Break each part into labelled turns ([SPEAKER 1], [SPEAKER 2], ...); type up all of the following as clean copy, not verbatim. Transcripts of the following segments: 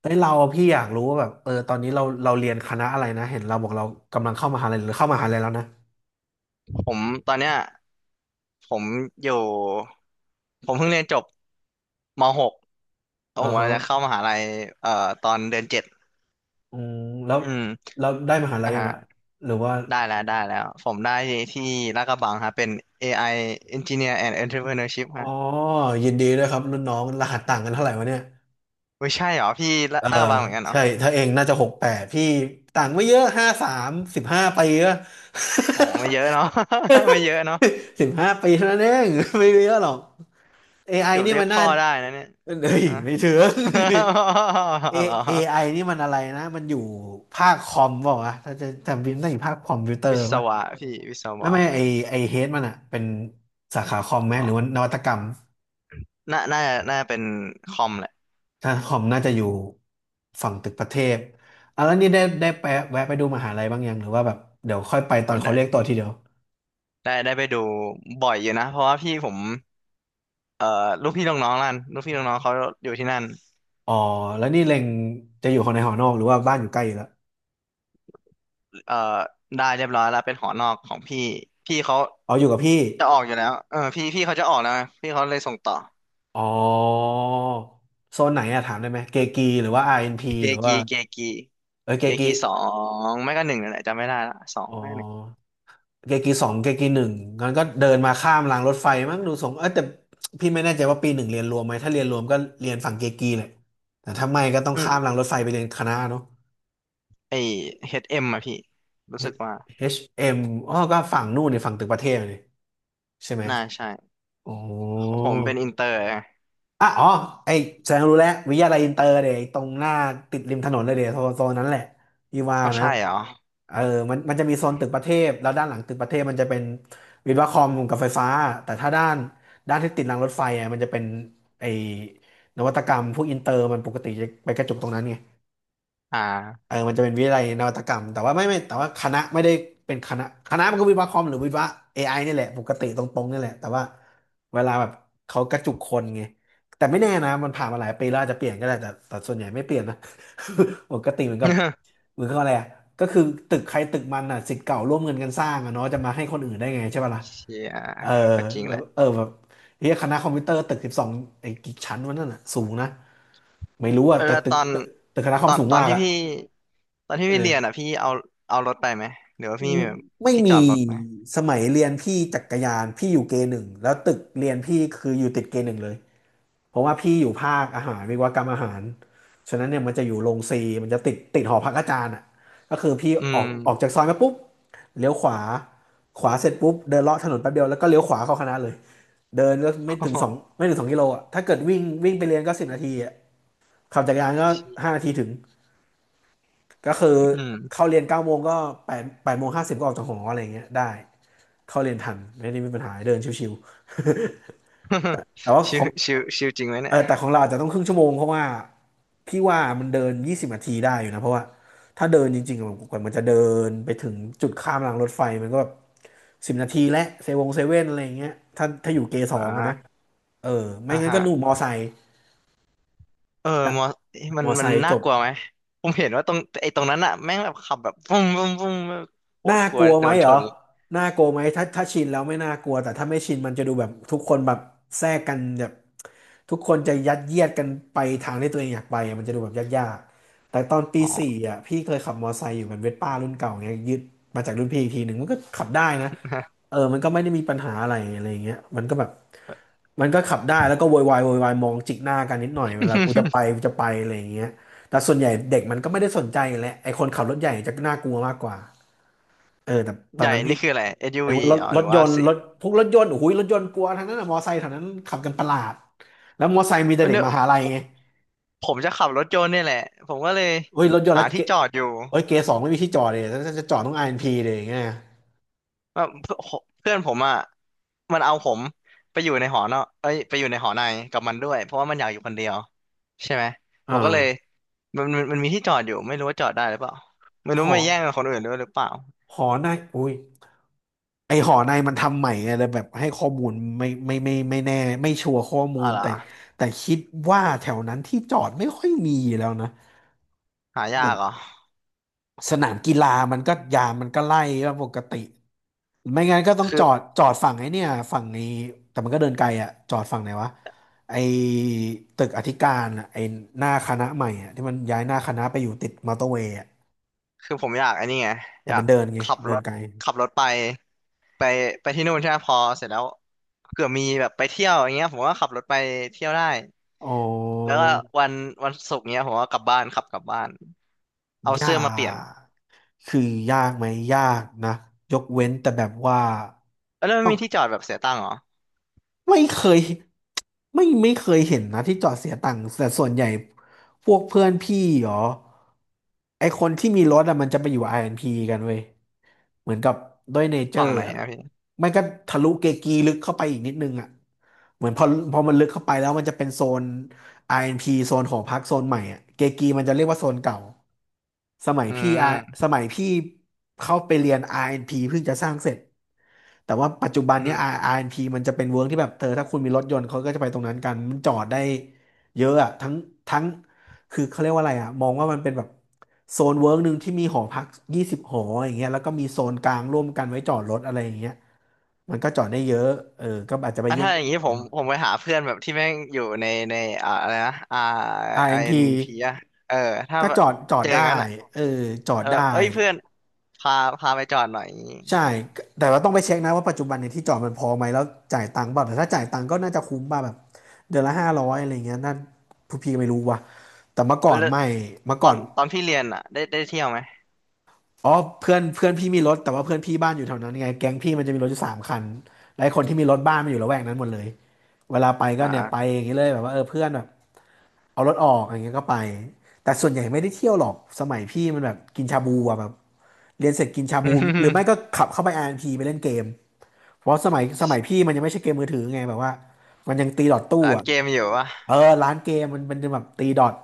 [SPEAKER 1] เฮ้ยเราพี่อยากรู้ว่าแบบตอนนี้เราเรียนคณะอะไรนะเห็นเราบอกเรากำลังเข้ามหาลัยหรือเข้ามหาลัยแล้วนะ
[SPEAKER 2] ผมตอนเนี้ยผมอยู่ผมเพิ่งเรียนจบม .6 แล้วผ
[SPEAKER 1] อ่า
[SPEAKER 2] มกำ
[SPEAKER 1] ฮะ
[SPEAKER 2] ลังจะเข้ามหาลัยเอ่อตอนเดือนเจ็ด
[SPEAKER 1] อืมแล้ว
[SPEAKER 2] อืม
[SPEAKER 1] แล้วได้มหาลัย
[SPEAKER 2] อ่า
[SPEAKER 1] ยัง
[SPEAKER 2] ฮะ
[SPEAKER 1] อะหรือว่า
[SPEAKER 2] ได้แล้วได้แล้วผมได้ที่ลาดกระบังฮะเป็น AI Engineer and Entrepreneurship
[SPEAKER 1] อ๋อ
[SPEAKER 2] ฮะ
[SPEAKER 1] ยินดีด้วยครับรุ่นน้องรหัสต่างกันเท่าไหร่วะเนี่ย
[SPEAKER 2] ไม่ใช่เหรอพี่
[SPEAKER 1] เออ
[SPEAKER 2] ลาดกระบังเหมือนกันเหรอ
[SPEAKER 1] ใช่ถ้าเองน่าจะหกแปดพี่ต่างไม่เยอะห้าสามสิบห้าปีอะ
[SPEAKER 2] อ๋อไม่เยอะเนาะ ไม่เยอะเนาะ
[SPEAKER 1] สิบห้าปีเท่านั้นเอง ไม่เยอะหรอก a อไอ
[SPEAKER 2] เกือบ
[SPEAKER 1] นี่
[SPEAKER 2] เรีย
[SPEAKER 1] มั
[SPEAKER 2] ก
[SPEAKER 1] นน่า
[SPEAKER 2] พ่อได้นะเนี่ย
[SPEAKER 1] เอ้ย
[SPEAKER 2] อ่ะ
[SPEAKER 1] ไม่เถือง เอ
[SPEAKER 2] เหรอ
[SPEAKER 1] AI นี่มันอะไรนะมันอยู่ภาคคอมเปล่าวะถ้าจะจำบินต้องอยู่ภาคคอมพิวเตอ
[SPEAKER 2] วิ
[SPEAKER 1] ร์
[SPEAKER 2] ศ
[SPEAKER 1] ป่ะ
[SPEAKER 2] วะพี่วิศ
[SPEAKER 1] แม่
[SPEAKER 2] วะ
[SPEAKER 1] ไม่ไอไอเฮดมันอะเป็นสาขาคอมไหม
[SPEAKER 2] อ๋
[SPEAKER 1] ห
[SPEAKER 2] อ
[SPEAKER 1] รือว่านวัตกรรม
[SPEAKER 2] น่าจะเป็นคอมแหล
[SPEAKER 1] ถ้าคอมน่าจะอยู่ฝั่งตึกประเทศอ่ะแล้วนี่ได้ไปแวะไปดูมหาลัยบ้างยังหรือว่าแบบเดี๋ยวค่อยไปตอนเขาเรียกตั
[SPEAKER 2] ะ
[SPEAKER 1] วทีเดียว
[SPEAKER 2] ได้ได้ไปดูบ่อยอยู่นะเพราะว่าพี่ผมเอ่อลูกพี่ลูกน้องนั่นลูกพี่ลูกน้องเขาอยู่ที่นั่น
[SPEAKER 1] อ๋อแล้วนี่เล็งจะอยู่คนในหอนอกหรือว่าบ้านอยู่ใกล้อยู่แล้ว
[SPEAKER 2] เอ่อได้เรียบร้อยแล้วเป็นหอนอกของพี่พี่เขา
[SPEAKER 1] อ๋ออยู่กับพี่
[SPEAKER 2] จะออกอยู่แล้วเออพี่เขาจะออกแล้วไงพี่เขาเลยส่งต่อ
[SPEAKER 1] อ๋อโซนไหนอะถามได้ไหมเกกีหรือว่าอาร์เอ็นพี
[SPEAKER 2] เก
[SPEAKER 1] หรือ
[SPEAKER 2] กี
[SPEAKER 1] ว่า
[SPEAKER 2] เกกี
[SPEAKER 1] เออเก
[SPEAKER 2] เก
[SPEAKER 1] กี
[SPEAKER 2] กีสองไม่ก็หนึ่งนั่นแหละจำไม่ได้ละสอง
[SPEAKER 1] อ๋อ
[SPEAKER 2] ไม่ก็หนึ่ง
[SPEAKER 1] เกกีสองเกกีหนึ่งงั้นก็เดินมาข้ามรางรถไฟมั้งดูทรงเออแต่พี่ไม่แน่ใจว่าปีหนึ่งเรียนรวมไหมถ้าเรียนรวมก็เรียนฝั่งเกกีแหละแต่ถ้าไม่ก็ต้อง
[SPEAKER 2] อื
[SPEAKER 1] ข้าม
[SPEAKER 2] ม
[SPEAKER 1] รางรถไฟไปเรียนคณะเนาะ
[SPEAKER 2] ไอเฮดเอ็มอะพี่รู้
[SPEAKER 1] H- m
[SPEAKER 2] สึกว่า
[SPEAKER 1] อชเอ็มอ๋อก็ฝั่งนู่นนี่ฝั่งตึกประเทศนี่ใช่ไหม
[SPEAKER 2] น่าใช่
[SPEAKER 1] อ๋อ
[SPEAKER 2] ของผมเป็นอินเตอร์ไง
[SPEAKER 1] อ่ะอ๋อไอแสดงรู้แล้ววิทยาลัยอินเตอร์เดี่ยไตรงหน้าติดริมถนนเลยเดี๋ยวโซนนั้นแหละพี่ว่า
[SPEAKER 2] อ๋อ
[SPEAKER 1] นะ
[SPEAKER 2] ใช่เหรอ
[SPEAKER 1] เออมันจะมีโซนตึกประเทศแล้วด้านหลังตึกประเทศมันจะเป็นวิศวะคอมกับไฟฟ้าแต่ถ้าด้านที่ติดรางรถไฟอ่ะมันจะเป็นไอนวัตกรรมพวกอินเตอร์มันปกติจะไปกระจุกตรงนั้นไง
[SPEAKER 2] อ่า
[SPEAKER 1] เออมันจะเป็นวิทยาลัยนวัตกรรม แต่ว่าไม่แต่ว่าคณะไม่ได้เป็นคณะคณะมันก็วิศวะคอมหรือวิศวะ AI นี่แหละ ปกติตรงๆนี่แหละ แต่ว่าเวลาแบบเขากระจุกคนไงแต่ไม่แน่นะ มันผ่านมาหลายปีแล้วอาจจะเปลี่ยนก็ได้แต่ส่วนใหญ่ไม่เปลี่ยนนะ ปกติเหมือนกับ เหมือนกับอะไรอะก็คือตึกใครตึกมันอ่ะศิษย์เก่าร่วมเงินกันสร้างอ่ะเนาะจะมาให้คนอื่นได้ไงใช่ป่ะล่ะ
[SPEAKER 2] เชีย
[SPEAKER 1] เออ
[SPEAKER 2] ก็จริง
[SPEAKER 1] แบ
[SPEAKER 2] แห
[SPEAKER 1] บ
[SPEAKER 2] ละ
[SPEAKER 1] เออแบบเฮียคณะคอมพิวเตอร์ตึกสิบสองไอ้กี่ชั้นวะนั่นอ่ะสูงนะไม่รู้
[SPEAKER 2] เอ
[SPEAKER 1] อ่ะ
[SPEAKER 2] อ
[SPEAKER 1] แต่
[SPEAKER 2] แล้ว
[SPEAKER 1] ตึ
[SPEAKER 2] ต
[SPEAKER 1] ก
[SPEAKER 2] อน
[SPEAKER 1] ตึกตึกคณะค
[SPEAKER 2] ต
[SPEAKER 1] อม
[SPEAKER 2] อน
[SPEAKER 1] สูง
[SPEAKER 2] ตอน
[SPEAKER 1] มาก
[SPEAKER 2] ที่
[SPEAKER 1] อ่ะ
[SPEAKER 2] พี่ตอนที่
[SPEAKER 1] เอ
[SPEAKER 2] พี่เรียนอ่ะ
[SPEAKER 1] อ
[SPEAKER 2] พี่เอารถไปไหมหรือว่าพี่มีแบบ
[SPEAKER 1] ไม่
[SPEAKER 2] ที่จอ
[SPEAKER 1] มี
[SPEAKER 2] ดรถไหม
[SPEAKER 1] สมัยเรียนพี่จักรยานพี่อยู่เกหนึ่งแล้วตึกเรียนพี่คืออยู่ติดเกหนึ่งเลยเพราะว่าพี่อยู่ภาคอาหารวิศวกรรมอาหารฉะนั้นเนี่ยมันจะอยู่โรงซีมันจะติดหอพักอาจารย์อ่ะก็คือพี่
[SPEAKER 2] อื
[SPEAKER 1] ออ
[SPEAKER 2] ม
[SPEAKER 1] กออกจากซอยมาปุ๊บเลี้ยวขวาเสร็จปุ๊บเดินเลาะถนนแป๊บเดียวแล้วก็เลี้ยวขวาเข้าคณะเลยเดินก็ ไม่
[SPEAKER 2] โอ้
[SPEAKER 1] ถึง
[SPEAKER 2] โห
[SPEAKER 1] สองไม่ถึงสองกิโลอ่ะถ้าเกิดวิ่งวิ่งไปเรียนก็สิบนาทีอ่ะขับจักรยานก็
[SPEAKER 2] ชิ
[SPEAKER 1] ห้านาทีถึงก็คือ
[SPEAKER 2] อืม
[SPEAKER 1] เข้าเรียนเก้าโมงก็แปดโมงห้าสิบก็ออกจากหออะไรอย่างเงี้ยได้ เข้าเรียนทันไม่ได้มีปัญหาเดินชิว ๆ แต่ว่าข
[SPEAKER 2] ชิ
[SPEAKER 1] อ
[SPEAKER 2] ว
[SPEAKER 1] ง
[SPEAKER 2] ชิวชิวจริงไหม
[SPEAKER 1] เอ
[SPEAKER 2] เนี่
[SPEAKER 1] อ
[SPEAKER 2] ย
[SPEAKER 1] แต่ของเราอาจจะต้องครึ่งชั่วโมงเพราะว่าพี่ว่ามันเดินยี่สิบนาทีได้อยู่นะเพราะว่าถ้าเดินจริงๆอะกว่ามันจะเดินไปถึงจุดข้ามรางรถไฟมันก็แบบสิบนาทีและเซเวงเซเว่นอะไรอย่างเงี้ยถ้าอยู่เกส
[SPEAKER 2] อ
[SPEAKER 1] องอะนะ
[SPEAKER 2] ่า
[SPEAKER 1] เออไม่
[SPEAKER 2] อ่า
[SPEAKER 1] งั้น
[SPEAKER 2] ฮะ
[SPEAKER 1] ก็นู่นมอไซค์
[SPEAKER 2] เออมอมั
[SPEAKER 1] ม
[SPEAKER 2] น
[SPEAKER 1] อไซ
[SPEAKER 2] มัน
[SPEAKER 1] ค์จ
[SPEAKER 2] น่า
[SPEAKER 1] บ
[SPEAKER 2] กลัวไหมผมเห็นว่าตรงไอ้ตรงนั้นอ่ะแม่งแบบขับแบบปุ้มปุ้มปุ้มแบบโค
[SPEAKER 1] น่า
[SPEAKER 2] ตรกลั
[SPEAKER 1] ก
[SPEAKER 2] ว
[SPEAKER 1] ลัว
[SPEAKER 2] โด
[SPEAKER 1] ไหม
[SPEAKER 2] น
[SPEAKER 1] เห
[SPEAKER 2] ช
[SPEAKER 1] รอ
[SPEAKER 2] น
[SPEAKER 1] น่ากลัวไหมถ้าชินแล้วไม่น่ากลัว แต่ถ้าไม่ชินมันจะดูแบบทุกคนแบบแทรกกันแบบทุกคนจะยัดเยียดกันไปทางที่ตัวเองอยากไปอะมันจะดูแบบยากๆแต่ตอนปี
[SPEAKER 2] อ๋อ
[SPEAKER 1] สี่อ่ะพี่เคยขับมอไซค์อยู่เป็นเวสป้ารุ่นเก่าไงยึดมาจากรุ่นพี่อีกทีหนึ่งมันก็ขับได้นะเออมันก็ไม่ได้มีปัญหาอะไรอะไรอย่างเงี้ยมันก็แบบมันก็ขับได้แล้วก็โวยวายมองจิกหน้ากันนิดหน่อยเวลากูจะไป กูจะไปอะไรอย่างเงี้ยแต่ส่วนใหญ่เด็กมันก็ไม่ได้สนใจอยู่แล้วไอ้คนขับรถใหญ่จะน่ากลัวมากกว่า เออแต่ตอ
[SPEAKER 2] ให
[SPEAKER 1] น
[SPEAKER 2] ญ่
[SPEAKER 1] นั้นพี่
[SPEAKER 2] นี่คืออะไรเอสยู
[SPEAKER 1] เรียก
[SPEAKER 2] วี
[SPEAKER 1] ว่ารถ
[SPEAKER 2] อ๋อ
[SPEAKER 1] ร
[SPEAKER 2] ห
[SPEAKER 1] ถ
[SPEAKER 2] รือ
[SPEAKER 1] ย
[SPEAKER 2] ว่า
[SPEAKER 1] นต์
[SPEAKER 2] สิ
[SPEAKER 1] รถพวกรถยนต์โอ้โหรถยนต์กลัวทั้งนั้นอะมอไซค์แถวนั้นขับกันประหลาดแล้วมอไซค์มีแต่เด็ก
[SPEAKER 2] เนี่ย
[SPEAKER 1] มหาลัย
[SPEAKER 2] ผม
[SPEAKER 1] ไง
[SPEAKER 2] ผมจะขับรถยนต์เนี่ยแหละผมก็เลย
[SPEAKER 1] เฮ้ยรถยนต์
[SPEAKER 2] หา
[SPEAKER 1] แล้วเก
[SPEAKER 2] ที่จอดอยู่
[SPEAKER 1] เฮ้ยเกสองไม่มีที่จอดเลยถ้าจะจอดต้องไอเอ็นพีเลยอย่างเงี้ย
[SPEAKER 2] ว่า เพื่อนเพื่อนผมอ่ะมันเอาผมไปอยู่ในหอนอกเอ้ยไปอยู่ในหอในกับมันด้วยเพราะว่ามันอยากอยู่คนเดียวใช่ไหมผ
[SPEAKER 1] อ่า
[SPEAKER 2] มก็เลยมันมีที่จอดอยู่ไม่รู้ว่าจอดได้หรือเปล่าไม่
[SPEAKER 1] ห
[SPEAKER 2] รู้
[SPEAKER 1] อ
[SPEAKER 2] ไปแย่งกับคนอื่นด้วยหรือเปล่า
[SPEAKER 1] หอในอุ้ยไอหอในมันทำใหม่ไงเลยแบบให้ข้อมูลไม่แน่ไม่ชัวร์ข้อมู
[SPEAKER 2] อะ
[SPEAKER 1] ล
[SPEAKER 2] ไร
[SPEAKER 1] แต่
[SPEAKER 2] อ
[SPEAKER 1] แต่คิดว่าแถวนั้นที่จอดไม่ค่อยมีแล้วนะ
[SPEAKER 2] หายากเหรอ
[SPEAKER 1] สนามกีฬามันก็ยามมันก็ไล่ว่าปกติไม่งั้นก็ต้อง
[SPEAKER 2] คื
[SPEAKER 1] จ
[SPEAKER 2] อ
[SPEAKER 1] อดจอดฝั่งไอ้เนี่ยฝั่งนี้แต่มันก็เดินไกลอะจอดฝั่งไหนวะไอ้ตึกอธิการอะไอ้หน้าคณะใหม่อะที่มันย้ายหน้าคณะไปอยู่ติดมอเตอร์เวย์อะ
[SPEAKER 2] คือผมอยากไอ้นี่ไง
[SPEAKER 1] แต่
[SPEAKER 2] อยา
[SPEAKER 1] มั
[SPEAKER 2] ก
[SPEAKER 1] นเดินไง
[SPEAKER 2] ขับ
[SPEAKER 1] เดิ
[SPEAKER 2] ร
[SPEAKER 1] น
[SPEAKER 2] ถ
[SPEAKER 1] ไกล
[SPEAKER 2] ขับรถไปไปที่นู่นใช่ไหมพอเสร็จแล้วเผื่อมีแบบไปเที่ยวอย่างเงี้ยผมก็ขับรถไปเที่ยวได้
[SPEAKER 1] อ๋อ
[SPEAKER 2] แล้วก็วันวันศุกร์เงี้ยผมก็กลับบ้านขับกลับบ้านเอา
[SPEAKER 1] ยา
[SPEAKER 2] เสื้อมาเปลี่ยน
[SPEAKER 1] กคือยากไหมยากนะยกเว้นแต่แบบว่า
[SPEAKER 2] เอ้ยแล้วมั
[SPEAKER 1] ต้
[SPEAKER 2] น
[SPEAKER 1] อง
[SPEAKER 2] มีที่จอดแบบเสียตังค์เหรอ
[SPEAKER 1] ไม่เคยไม่เคยเห็นนะที่จอดเสียตังค์แต่ส่วนใหญ่พวกเพื่อนพี่เหรอไอคนที่มีรถอะมันจะไปอยู่อาร์แอนด์พ p กันเว้ยเหมือนกับด้วยเนเจอ
[SPEAKER 2] ฝั่ง
[SPEAKER 1] ร์
[SPEAKER 2] ไหน
[SPEAKER 1] อะ
[SPEAKER 2] นะพี่
[SPEAKER 1] ไม่ก็ทะลุเกกีลึกเข้าไปอีกนิดนึงอะเหมือนพอมันลึกเข้าไปแล้วมันจะเป็นโซน RNP โซนของพรรคโซนใหม่อะเกกีมันจะเรียกว่าโซนเก่าสมัย
[SPEAKER 2] อื
[SPEAKER 1] พี่อา
[SPEAKER 2] ม
[SPEAKER 1] สมัยพี่เข้าไปเรียน RNP เอ็นพเพิ่งจะสร้างเสร็จแต่ว่าปัจจุบัน
[SPEAKER 2] อื
[SPEAKER 1] เนี้ย R-
[SPEAKER 2] ม
[SPEAKER 1] น n p มันจะเป็นเวิร์กที่แบบเธอถ้าคุณมีรถยนต์เขาก็จะไปตรงนั้นกันมันจอดได้เยอะอะทั้งคือเขาเรียกว่าอะไรอะมองว่ามันเป็นแบบโซนเวิร์กหนึ่งที่มีหอพัก20 หออย่างเงี้ยแล้วก็มีโซนกลางร่วมกันไว้จอดรถอะไรอย่างเงี้ยมันก็จอดได้เยอะเออก็อาจจะไป
[SPEAKER 2] อ่ะ
[SPEAKER 1] แย่
[SPEAKER 2] ถ้าอย่าง
[SPEAKER 1] ง
[SPEAKER 2] นี้
[SPEAKER 1] ๆจอ
[SPEAKER 2] ผ
[SPEAKER 1] ด
[SPEAKER 2] ม
[SPEAKER 1] หน่อย
[SPEAKER 2] ผมไปหาเพื่อนแบบที่แม่งอยู่ในอ่าอะไรนะอ่าไอเอ็
[SPEAKER 1] RNP
[SPEAKER 2] นพีอะเออถ้า
[SPEAKER 1] ก็
[SPEAKER 2] แบ
[SPEAKER 1] จ
[SPEAKER 2] บ
[SPEAKER 1] อดจอด
[SPEAKER 2] เจอ
[SPEAKER 1] ได้
[SPEAKER 2] งั้นอะ
[SPEAKER 1] เออจอด
[SPEAKER 2] แล้วแบ
[SPEAKER 1] ได้
[SPEAKER 2] บเอ้ยเพื่อนพาไปจอดหน่อยอย่างงี้
[SPEAKER 1] ใช่แต่เราต้องไปเช็คนะว่าปัจจุบันเนี่ยที่จอดมันพอไหมแล้วจ่ายตังค์เปล่าแต่ถ้าจ่ายตังค์ก็น่าจะคุ้มป่ะแบบเดือนละ500อะไรเงี้ยนั่นผู้พี่ก็ไม่รู้ว่ะแต่เมื่อก่
[SPEAKER 2] เว้
[SPEAKER 1] อ
[SPEAKER 2] ย
[SPEAKER 1] น
[SPEAKER 2] แล้ว
[SPEAKER 1] ไม่เมื่อ
[SPEAKER 2] ตอ
[SPEAKER 1] ก่อน
[SPEAKER 2] นตอนพี่เรียนอะได้เที่ยวไหม
[SPEAKER 1] อ๋อเพื่อนเพื่อนพี่มีรถแต่ว่าเพื่อนพี่บ้านอยู่แถวนั้นไงแก๊งพี่มันจะมีรถอยู่3 คันและไอ้คนที่มีรถบ้านมันอยู่ละแวกนั้นหมดเลยเวลาไปก็เนี่ยไป
[SPEAKER 2] อ่า
[SPEAKER 1] อย่างนี้เลยแบบว่าเออเพื่อนแบบเอารถออกอย่างเงี้ยก็ไปแต่ส่วนใหญ่ไม่ได้เที่ยวหรอกสมัยพี่มันแบบกินชาบูอะแบบ เรียนเสร็จกินชาบูหรือไม่ก็ขับเข้าไป r พีไปเล่นเกมเพราะสมัยพี่มันยังไม่ใช่เกมมือถือไงแบบว่ามันยังตีดอทตู้
[SPEAKER 2] ร้าน
[SPEAKER 1] อ่ะ
[SPEAKER 2] เกมอยู่วะ
[SPEAKER 1] เออร้านเกมมันจะแบบตีดอท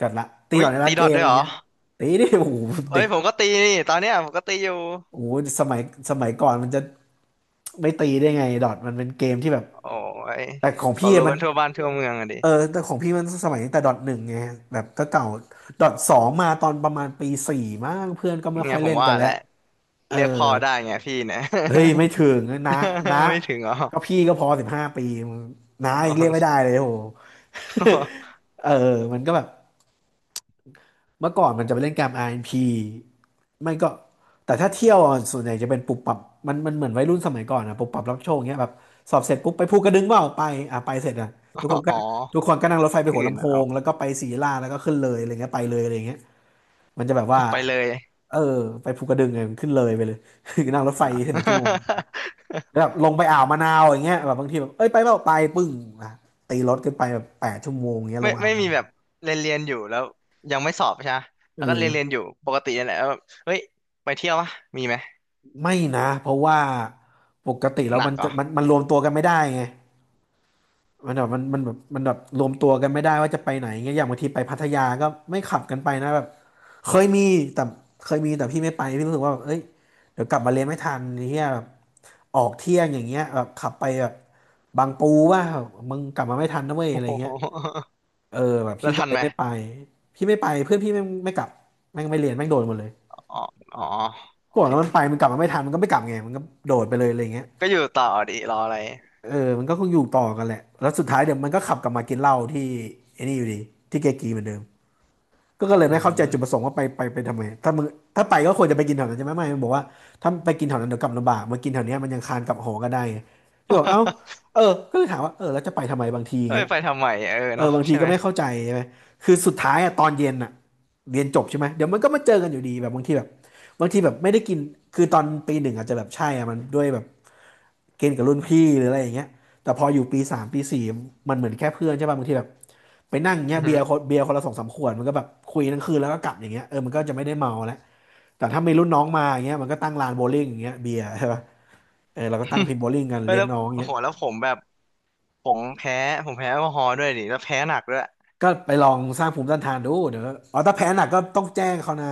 [SPEAKER 1] กันละตีด
[SPEAKER 2] อุ้
[SPEAKER 1] อ
[SPEAKER 2] ย
[SPEAKER 1] ทในร้า
[SPEAKER 2] ตี
[SPEAKER 1] น
[SPEAKER 2] ด
[SPEAKER 1] เก
[SPEAKER 2] อท
[SPEAKER 1] ม
[SPEAKER 2] ด้
[SPEAKER 1] อะ
[SPEAKER 2] วย
[SPEAKER 1] ไร
[SPEAKER 2] เหรอ
[SPEAKER 1] เงี้ยตีดิโอ้โห
[SPEAKER 2] เอ้
[SPEAKER 1] เด็
[SPEAKER 2] ย
[SPEAKER 1] ก
[SPEAKER 2] ผมก็ตีนี่ตอนเนี้ยผมก็ตีอยู่
[SPEAKER 1] โอ้โหสมัยสมัยก่อนมันจะไม่ตีได้ไงดอทมันเป็นเกมที่แบบ
[SPEAKER 2] โอ้ย
[SPEAKER 1] แต่ของ
[SPEAKER 2] เขา
[SPEAKER 1] พี่
[SPEAKER 2] รู้
[SPEAKER 1] อะมั
[SPEAKER 2] กั
[SPEAKER 1] น
[SPEAKER 2] นทั่วบ้านทั่วเมืองอะดิ
[SPEAKER 1] เออแต่ของพี่มันสมัยตั้งแต่ดอทหนึ่งไงแบบก็เก่าดอทสองมาตอนประมาณปีสี่มั้งเพื่อนก็ไม่
[SPEAKER 2] เนี่
[SPEAKER 1] ค่อ
[SPEAKER 2] ย
[SPEAKER 1] ย
[SPEAKER 2] ผ
[SPEAKER 1] เล่
[SPEAKER 2] ม
[SPEAKER 1] นกั
[SPEAKER 2] ว่า
[SPEAKER 1] นแล้
[SPEAKER 2] แห
[SPEAKER 1] ว
[SPEAKER 2] ละ
[SPEAKER 1] เออ
[SPEAKER 2] เรียกพ่อได้ไงพี่เนี่ย
[SPEAKER 1] เฮ้ยไม่ถึงนะนะ
[SPEAKER 2] ไม่ถึงเหรอ
[SPEAKER 1] ก็พี่ก็พอ15 ปีมึงนะ
[SPEAKER 2] อ๋
[SPEAKER 1] ยังเรียก
[SPEAKER 2] อ
[SPEAKER 1] ไม่ได้เลยโห เออมันก็แบบเมื่อก่อนมันจะไปเล่นการ r พ p ไม่ก็แต่ถ้าเที่ยวอ่ะส่วนใหญ่จะเป็นปุบปับมันเหมือนวัยรุ่นสมัยก่อนอะปุบปับรับโชคเงี้ยแบบสอบเสร็จปุ๊บไปภูกระดึงเปล่าไปอ่ะไปเสร็จอ่ะทุกคน ก็
[SPEAKER 2] อ๋อ
[SPEAKER 1] ทุกคนก็นั่งรถไฟไป
[SPEAKER 2] ที่
[SPEAKER 1] หัว
[SPEAKER 2] อื่น
[SPEAKER 1] ลำโพ
[SPEAKER 2] นะเนาะ
[SPEAKER 1] งแล้วก็ไปศรีลาแล้วก็ขึ้นเลยอะไรเงี้ยไปเลยอะไรเงี้ยมันจะแบบว่า
[SPEAKER 2] ไปเลย
[SPEAKER 1] เออไปภูกระดึงไงมันขึ้นเลยไปเลย นั่งรถไฟ
[SPEAKER 2] อ่
[SPEAKER 1] 11 ชั่วโมง
[SPEAKER 2] า
[SPEAKER 1] แบบ ลงไปอ่าวมะนาวอย่างเงี้ยแบบบางทีแบบเอ้ยไปเปล่าไปปึ้งอ่ะตีรถกันไปแบบ8 ชั่วโมงเงี้ยล
[SPEAKER 2] ไม่
[SPEAKER 1] งอ่าว
[SPEAKER 2] ไม่
[SPEAKER 1] มะ
[SPEAKER 2] มี
[SPEAKER 1] นา
[SPEAKER 2] แบ
[SPEAKER 1] ว
[SPEAKER 2] บเรียนอยู่แล้วยังไม่สอบใช่ไหม
[SPEAKER 1] เอ
[SPEAKER 2] แล้วก็เรียน
[SPEAKER 1] อ
[SPEAKER 2] อยู่ปกตินั่นแหละแล้วแบบเฮ้ยไปเที่ยววะมีไหม
[SPEAKER 1] ไม่นะเพราะว่าปกติแล้
[SPEAKER 2] ห
[SPEAKER 1] ว
[SPEAKER 2] นั
[SPEAKER 1] มั
[SPEAKER 2] ก
[SPEAKER 1] น
[SPEAKER 2] เหร
[SPEAKER 1] จะ
[SPEAKER 2] อ
[SPEAKER 1] มันรวมตัวกันไม่ได้ไงมันแบบมันมันแบบมันแบบรวมตัวกันไม่ได้ว่าจะไปไหนเงี้ยอย่างบางทีไปพัทยาก็ไม่ขับกันไปนะแบบเคยมีแต่เคยมีแต่พี่ไม่ไปพี่รู้สึกว่าแบบเอ้ยเดี๋ยวกลับมาเรียนไม่ทันเฮียแบบออกเที่ยงอย่างเงี้ยแบบขับไปแบบบางปูว่ามึงกลับมาไม่ทันนะเว้ยอะ
[SPEAKER 2] โอ้
[SPEAKER 1] ไร
[SPEAKER 2] โห
[SPEAKER 1] เงี้ย เออแบบ
[SPEAKER 2] แล้
[SPEAKER 1] พี่
[SPEAKER 2] ว
[SPEAKER 1] ก็
[SPEAKER 2] ทัน
[SPEAKER 1] เลย
[SPEAKER 2] ไหม
[SPEAKER 1] ไม่ไปพี่ไม่ไปเพื่อนพี่ไม่กลับแม่งไม่เรียนแม่งโดนหมดเลย
[SPEAKER 2] อ๋ออ๋อโอ
[SPEAKER 1] ก่อน
[SPEAKER 2] เค
[SPEAKER 1] แล้วมันไปมันกลับมาไม่ทันมันก็ไม่กลับไงมันก็โดดไปเลยอะไรเงี้ย
[SPEAKER 2] ก็อยู่ต่อดิรออะไร
[SPEAKER 1] เออมันก็คงอยู่ต่อกันแหละแล้วสุดท้ายเดี๋ยวมันก็ขับกลับมากินเหล้าที่ไอ้นี่อยู่ดีที่เกกีเหมือนเดิมก็เลย
[SPEAKER 2] อื
[SPEAKER 1] ไม่เข้าใจจุดประ
[SPEAKER 2] ม
[SPEAKER 1] สงค์ว่าไปทำไมถ้ามึงถ้าไปก็ควรจะไปกินแถวนั้นใช่ไหมไม่มันบอกว่าถ้าไปกินแถวนั้นเดี๋ยวกลับลำบากมากินแถวเนี้ยมันยังคานกลับหอก็ได้ไงก็บอกเอ้าเออก็เลยถามว่าเออแล้วจะไปทำไมบางทีอย่า
[SPEAKER 2] เอ้
[SPEAKER 1] ง
[SPEAKER 2] ย
[SPEAKER 1] เงี้ย
[SPEAKER 2] ไปทำไมเออ
[SPEAKER 1] เออ
[SPEAKER 2] เนาะ
[SPEAKER 1] บางที
[SPEAKER 2] ใช่ไห
[SPEAKER 1] ก็
[SPEAKER 2] ม
[SPEAKER 1] ไม่เข้าใจใช่ไหมคือสุดท้ายอะตอนเย็นอะเรียนจบใช่ไหมเดี๋ยวมันก็มาเจอกันอยู่ดีแบบบางทีแบบไม่ได้กินคือตอนปีหนึ่งอาจจะแบบใช่อะมันด้วยแบบเกณฑ์กับรุ่นพี่หรืออะไรอย่างเงี้ยแต่พออยู่ปีสามปีสี่มันเหมือนแค่เพื่อนใช่ป่ะบางทีแบบไปนั่งเงี้
[SPEAKER 2] อื
[SPEAKER 1] ย
[SPEAKER 2] อฮึ
[SPEAKER 1] เบียร์คนเบียร์คนละสองสามขวดมันก็แบบคุยทั้งคืนแล้วก็กลับอย่างเงี้ยเออมันก็จะไม่ได้เมาแล้วแต่ถ้ามีรุ่นน้องมาอย่างเงี้ยมันก็ตั้งลานโบว์ลิ่งอย่างเงี้ยเบียร์ใช่ป่ะเออเราก็ตั้งพิ นโบว์ลิ่งกัน
[SPEAKER 2] เอ้ย
[SPEAKER 1] เลี้ยง
[SPEAKER 2] แล้ว
[SPEAKER 1] น้อง
[SPEAKER 2] โอ้
[SPEAKER 1] เงี้
[SPEAKER 2] โห
[SPEAKER 1] ย
[SPEAKER 2] แล้วผมแบบผมแพ้ผมแพ้แอลกอฮอล์ด้วยดิแล้วแพ้หนักด้วย
[SPEAKER 1] ก็ไปลองสร้างภูมิต้านทานดูเดี๋ยวอ๋อถ้าแพ้หนักก็ต้องแจ้งเขานะ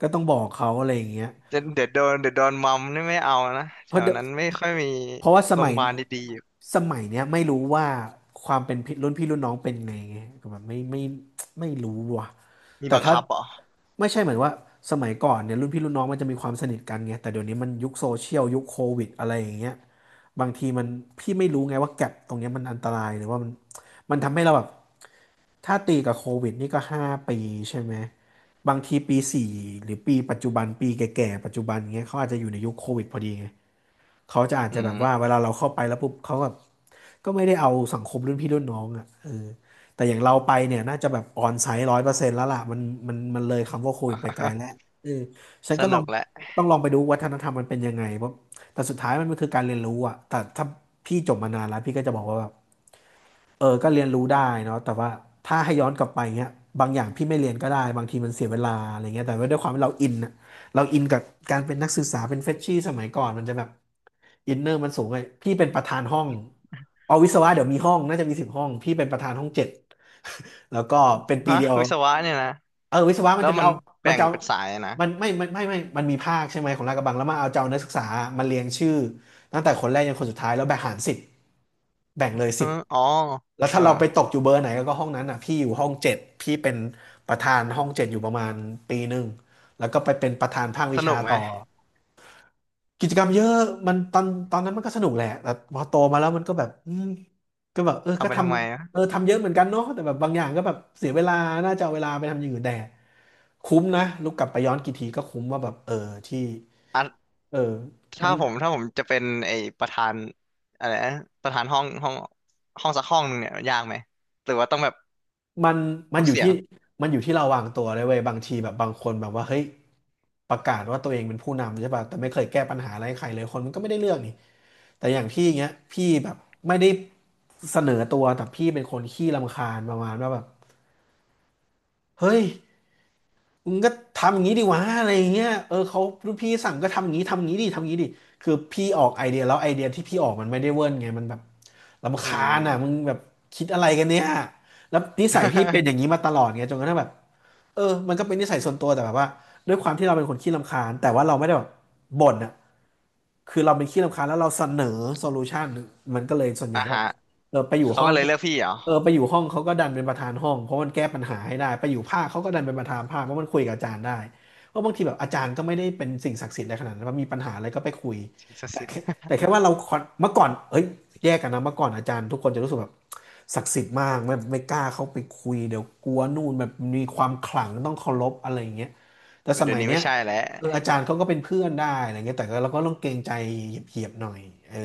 [SPEAKER 1] ก็ต้องบอกเขาอะไรอย่างเงี้ย
[SPEAKER 2] เดี๋ยวเดี๋ยวโดนเดี๋ยวโดนมัมนี่ไม่เอานะ
[SPEAKER 1] เพ
[SPEAKER 2] แถ
[SPEAKER 1] ราะ
[SPEAKER 2] ว
[SPEAKER 1] เดี๋ยว
[SPEAKER 2] นั้นไม่ค่อยมี
[SPEAKER 1] เพราะว่าส
[SPEAKER 2] โรง
[SPEAKER 1] มั
[SPEAKER 2] พ
[SPEAKER 1] ย
[SPEAKER 2] ยาบาลดีๆอยู่
[SPEAKER 1] สมัยเนี้ยไม่รู้ว่าความเป็นพี่รุ่นพี่รุ่นน้องเป็นไงไงก็แบบไม่รู้ว่ะ
[SPEAKER 2] มี
[SPEAKER 1] แต่
[SPEAKER 2] บัง
[SPEAKER 1] ถ้า
[SPEAKER 2] คับเหรอ
[SPEAKER 1] ไม่ใช่เหมือนว่าสมัยก่อนเนี่ยรุ่นพี่รุ่นน้องมันจะมีความสนิทกันไงแต่เดี๋ยวนี้มันยุคโซเชียลยุคโควิดอะไรอย่างเงี้ยบางทีมันพี่ไม่รู้ไงว่าแก็ปตรงเนี้ยมันอันตรายหรือว่ามันทำให้เราแบบ ถ้าตีกับโควิดนี่ก็5 ปีใช่ไหมบางทีปีสี่หรือปีปัจจุบันปีแก่ๆปัจจุบันเงี้ยเขาอาจจะอยู่ในยุคโควิดพอดีไงเขาจะอาจ
[SPEAKER 2] อื
[SPEAKER 1] จะแบบ
[SPEAKER 2] ม
[SPEAKER 1] ว่าเวลาเราเข้าไปแล้วปุ๊บเขาก็ไม่ได้เอาสังคมรุ่นพี่รุ่นน้องอ่ะเออแต่อย่างเราไปเนี่ยน่าจะแบบออนไซต์100%แล้วล่ะมันเลยคำว่าโควิดไปไกลแล้ว เออฉัน
[SPEAKER 2] ส
[SPEAKER 1] ก็ลอ
[SPEAKER 2] นุ
[SPEAKER 1] ง
[SPEAKER 2] กแหละ
[SPEAKER 1] ต้องลองไปดูวัฒนธรรมมันเป็นยังไงเพราะแต่สุดท้ายมันก็คือการเรียนรู้อ่ะแต่ถ้าพี่จบมานานแล้วพี่ก็จะบอกว่าแบบ เออก็เรียนรู้ได้เนาะแต่ว่าถ้าให้ย้อนกลับไปเงี้ยบางอย่างพี่ไม่เรียนก็ได้บางทีมันเสียเวลาอะไรเงี้ยแต่ว่าด้วยความที่เราอินอะเราอินกับการเป็นนักศึกษาเป็นเฟรชชี่สมัยก่อนมันจะแบบอินเนอร์มันสูงไงพี่เป็นประธานห้องเอาวิศวะเดี๋ยวมีห้องน่าจะมี10 ห้องพี่เป็นประธานห้องเจ็ด แล้วก็เป็นปี
[SPEAKER 2] ฮะ
[SPEAKER 1] เดียว
[SPEAKER 2] วิศวะเนี่ยนะ
[SPEAKER 1] เออวิศวะมั
[SPEAKER 2] แล้
[SPEAKER 1] น
[SPEAKER 2] ว
[SPEAKER 1] จะไม่
[SPEAKER 2] มัน
[SPEAKER 1] เอามั
[SPEAKER 2] แบ่
[SPEAKER 1] น
[SPEAKER 2] ง
[SPEAKER 1] จะเอา
[SPEAKER 2] เป็นสายนะ
[SPEAKER 1] มันไม่ไม่ไม่ไม่มันมีภาคใช่ไหมของลาดกระบังแล้วมาเอาจะเอานักศึกษามาเรียงชื่อตั้งแต่คนแรกยันคนสุดท้ายแล้วแบ่งหาร 10แบ่งเลยสิ
[SPEAKER 2] ฮะ
[SPEAKER 1] บ
[SPEAKER 2] อ๋อ
[SPEAKER 1] แล้ว
[SPEAKER 2] เอ
[SPEAKER 1] ถ้า
[SPEAKER 2] อ
[SPEAKER 1] เราไปตกอยู่เบอร์ไหนก็ห้องนั้นอ่ะพี่อยู่ห้องเจ็ดพี่เป็นประธานห้องเจ็ดอยู่ประมาณปีหนึ่งแล้วก็ไปเป็นประธานภาควิ
[SPEAKER 2] ส
[SPEAKER 1] ชา
[SPEAKER 2] นุกไหม
[SPEAKER 1] ต่อกิจกรรมเยอะมันตอนนั้นมันก็สนุกแหละแต่พอโตมาแล้วมันก็แบบอืมก็แบบเออ
[SPEAKER 2] ทำ
[SPEAKER 1] ก็
[SPEAKER 2] ไป
[SPEAKER 1] ท
[SPEAKER 2] ทำไม
[SPEAKER 1] ำ
[SPEAKER 2] อะ
[SPEAKER 1] เออทำเยอะเหมือนกันเนาะแต่แบบบางอย่างก็แบบเสียเวลาน่าจะเอาเวลาไปทำอย่างอื่นแต่คุ้มนะลูกกลับไปย้อนกี่ทีก็คุ้มว่าแบบเออที่
[SPEAKER 2] อ่ะ
[SPEAKER 1] เออมั
[SPEAKER 2] ถ้า
[SPEAKER 1] น
[SPEAKER 2] ผมถ้าผมจะเป็นไอ้ประธานอะไรนะประธานห้องสักห้องหนึ่งเนี่ยยากไหมหรือว่าต้องแบบ
[SPEAKER 1] มันมัน
[SPEAKER 2] ทุก
[SPEAKER 1] อยู่
[SPEAKER 2] เสีย
[SPEAKER 1] ที่
[SPEAKER 2] ง
[SPEAKER 1] มันอยู่ที่เราวางตัวเลยเว้ยบางทีแบบบางคนแบบว่าเฮ้ยประกาศว่าตัวเองเป็นผู้นำใช่ป่ะแต่ไม่เคยแก้ปัญหาอะไรให้ใครเลยคนมันก็ไม่ได้เรื่องนี่แต่อย่างพี่เงี้ยพี่แบบไม่ได้เสนอตัวแต่พี่เป็นคนขี้รำคาญประมาณว่าแบบเฮ้ย มึงก็ทำอย่างนี้ดีวะอะไรอย่างเงี้ยเออเขารุ่นพี่สั่งก็ทำอย่างนี้ทำอย่างนี้ดิคือพี่ออกไอเดียแล้วไอเดียที่พี่ออกมันไม่ได้เวิร์นไงมันแบบรำ
[SPEAKER 2] อื
[SPEAKER 1] คาญอ่ะมึง
[SPEAKER 2] ม
[SPEAKER 1] แบบคิดอะไรกันเนี่ยแล้วนิสัยพี่เป็นอย่างนี้มาตลอดไงจนกระทั่งแบบเออมันก็เป็นนิสัยส่วนตัวแต่แบบว่าด้วยความที่เราเป็นคนขี้รำคาญแต่ว่าเราไม่ได้แบบบ่นอ่ะ คือเราเป็นขี้รำคาญแล้วเราเสนอโซลูชันมันก็เลยส่วน ใหญ่
[SPEAKER 2] อ่ะ
[SPEAKER 1] ก็แบ
[SPEAKER 2] ฮะ
[SPEAKER 1] บเออไปอยู่
[SPEAKER 2] เขา
[SPEAKER 1] ห้อ
[SPEAKER 2] ก็
[SPEAKER 1] ง
[SPEAKER 2] เลยเลือกพี่เหรอ
[SPEAKER 1] เออไปอยู่ห้องเขาก็ดันเป็นประธานห้องเพราะมันแก้ปัญหาให้ได้ไปอยู่ภาคเขาก็ดันเป็นประธานภาคเพราะมันคุยกับอาจารย์ได้เพราะบางทีแบบอาจารย์ก็ไม่ได้เป็นสิ่งศักดิ์สิทธิ์อะไรขนาดนั้นว่ามีปัญหาอะไรก็ไปคุย
[SPEAKER 2] ทีส
[SPEAKER 1] แต่
[SPEAKER 2] สิทธิ์
[SPEAKER 1] แค่แต่แค่ว่าเราคอนเมื่อก่อนเอ้ยแยกกันนะเมื่อก่อนอาจารย์ทุกคนจะรู้สึกแบบศักดิ์สิทธิ์มากไม่กล้าเข้าไปคุยเดี๋ยวกลัวนู่นแบบมีความขลังต้องเคารพอะไรอย่างเงี้ยแต่ส
[SPEAKER 2] เดี๋ย
[SPEAKER 1] มั
[SPEAKER 2] ว
[SPEAKER 1] ย
[SPEAKER 2] นี้
[SPEAKER 1] เนี้
[SPEAKER 2] ไม่
[SPEAKER 1] ย
[SPEAKER 2] ใช่แล้ว
[SPEAKER 1] เอออาจารย์เขาก็เป็นเพื่อนได้อะไรเงี้ยแต่ก็เราก็ต้องเกรงใจเหยียบๆหน่อยเออ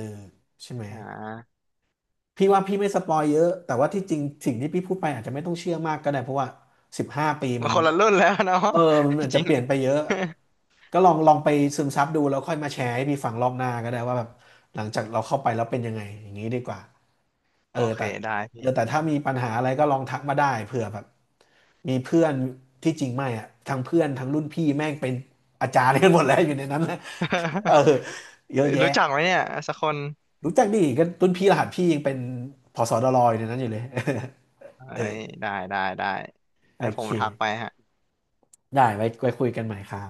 [SPEAKER 1] ใช่ไหม
[SPEAKER 2] อ่า
[SPEAKER 1] พี่ว่าพี่ไม่สปอยเยอะแต่ว่าที่จริงสิ่งที่พี่พูดไปอาจจะไม่ต้องเชื่อมากก็ได้เพราะว่า15 ปี
[SPEAKER 2] มั
[SPEAKER 1] มั
[SPEAKER 2] น
[SPEAKER 1] น
[SPEAKER 2] คนละรุ่นแล้วเนาะ
[SPEAKER 1] เออมันอา จ
[SPEAKER 2] จ
[SPEAKER 1] จะ
[SPEAKER 2] ริง
[SPEAKER 1] เปลี่ยนไปเยอะก็ลองไปซึมซับดูแล้วค่อยมาแชร์ให้พี่ฟังรอบหน้าก็ได้ว่าแบบหลังจากเราเข้าไปแล้วเป็นยังไงอย่างนี้ดีกว่า เอ
[SPEAKER 2] โอ
[SPEAKER 1] อ
[SPEAKER 2] เค
[SPEAKER 1] แต่
[SPEAKER 2] ได้
[SPEAKER 1] เอ
[SPEAKER 2] พี่
[SPEAKER 1] อแต่ถ้ามีปัญหาอะไรก็ลองทักมาได้เผื่อแบบมีเพื่อนที่จริงไม่อะทั้งเพื่อนทั้งรุ่นพี่แม่งเป็นอาจารย์กันหมดแล้วอยู่ในนั้นแะ เออ เย
[SPEAKER 2] เอ้
[SPEAKER 1] อะ
[SPEAKER 2] ย
[SPEAKER 1] แยะ
[SPEAKER 2] รู้จักไหมเนี่ยสักคน
[SPEAKER 1] รู้จักดิกันรุ่นพี่รหัสพี่ยังเป็นผสดรอยในนั้นอยู่เลย
[SPEAKER 2] เอ้
[SPEAKER 1] เออ
[SPEAKER 2] ยได้
[SPEAKER 1] โอ
[SPEAKER 2] ไว้ผ
[SPEAKER 1] เค
[SPEAKER 2] มทักไปฮะ
[SPEAKER 1] ได้ไว้คุยกันใหม่ครับ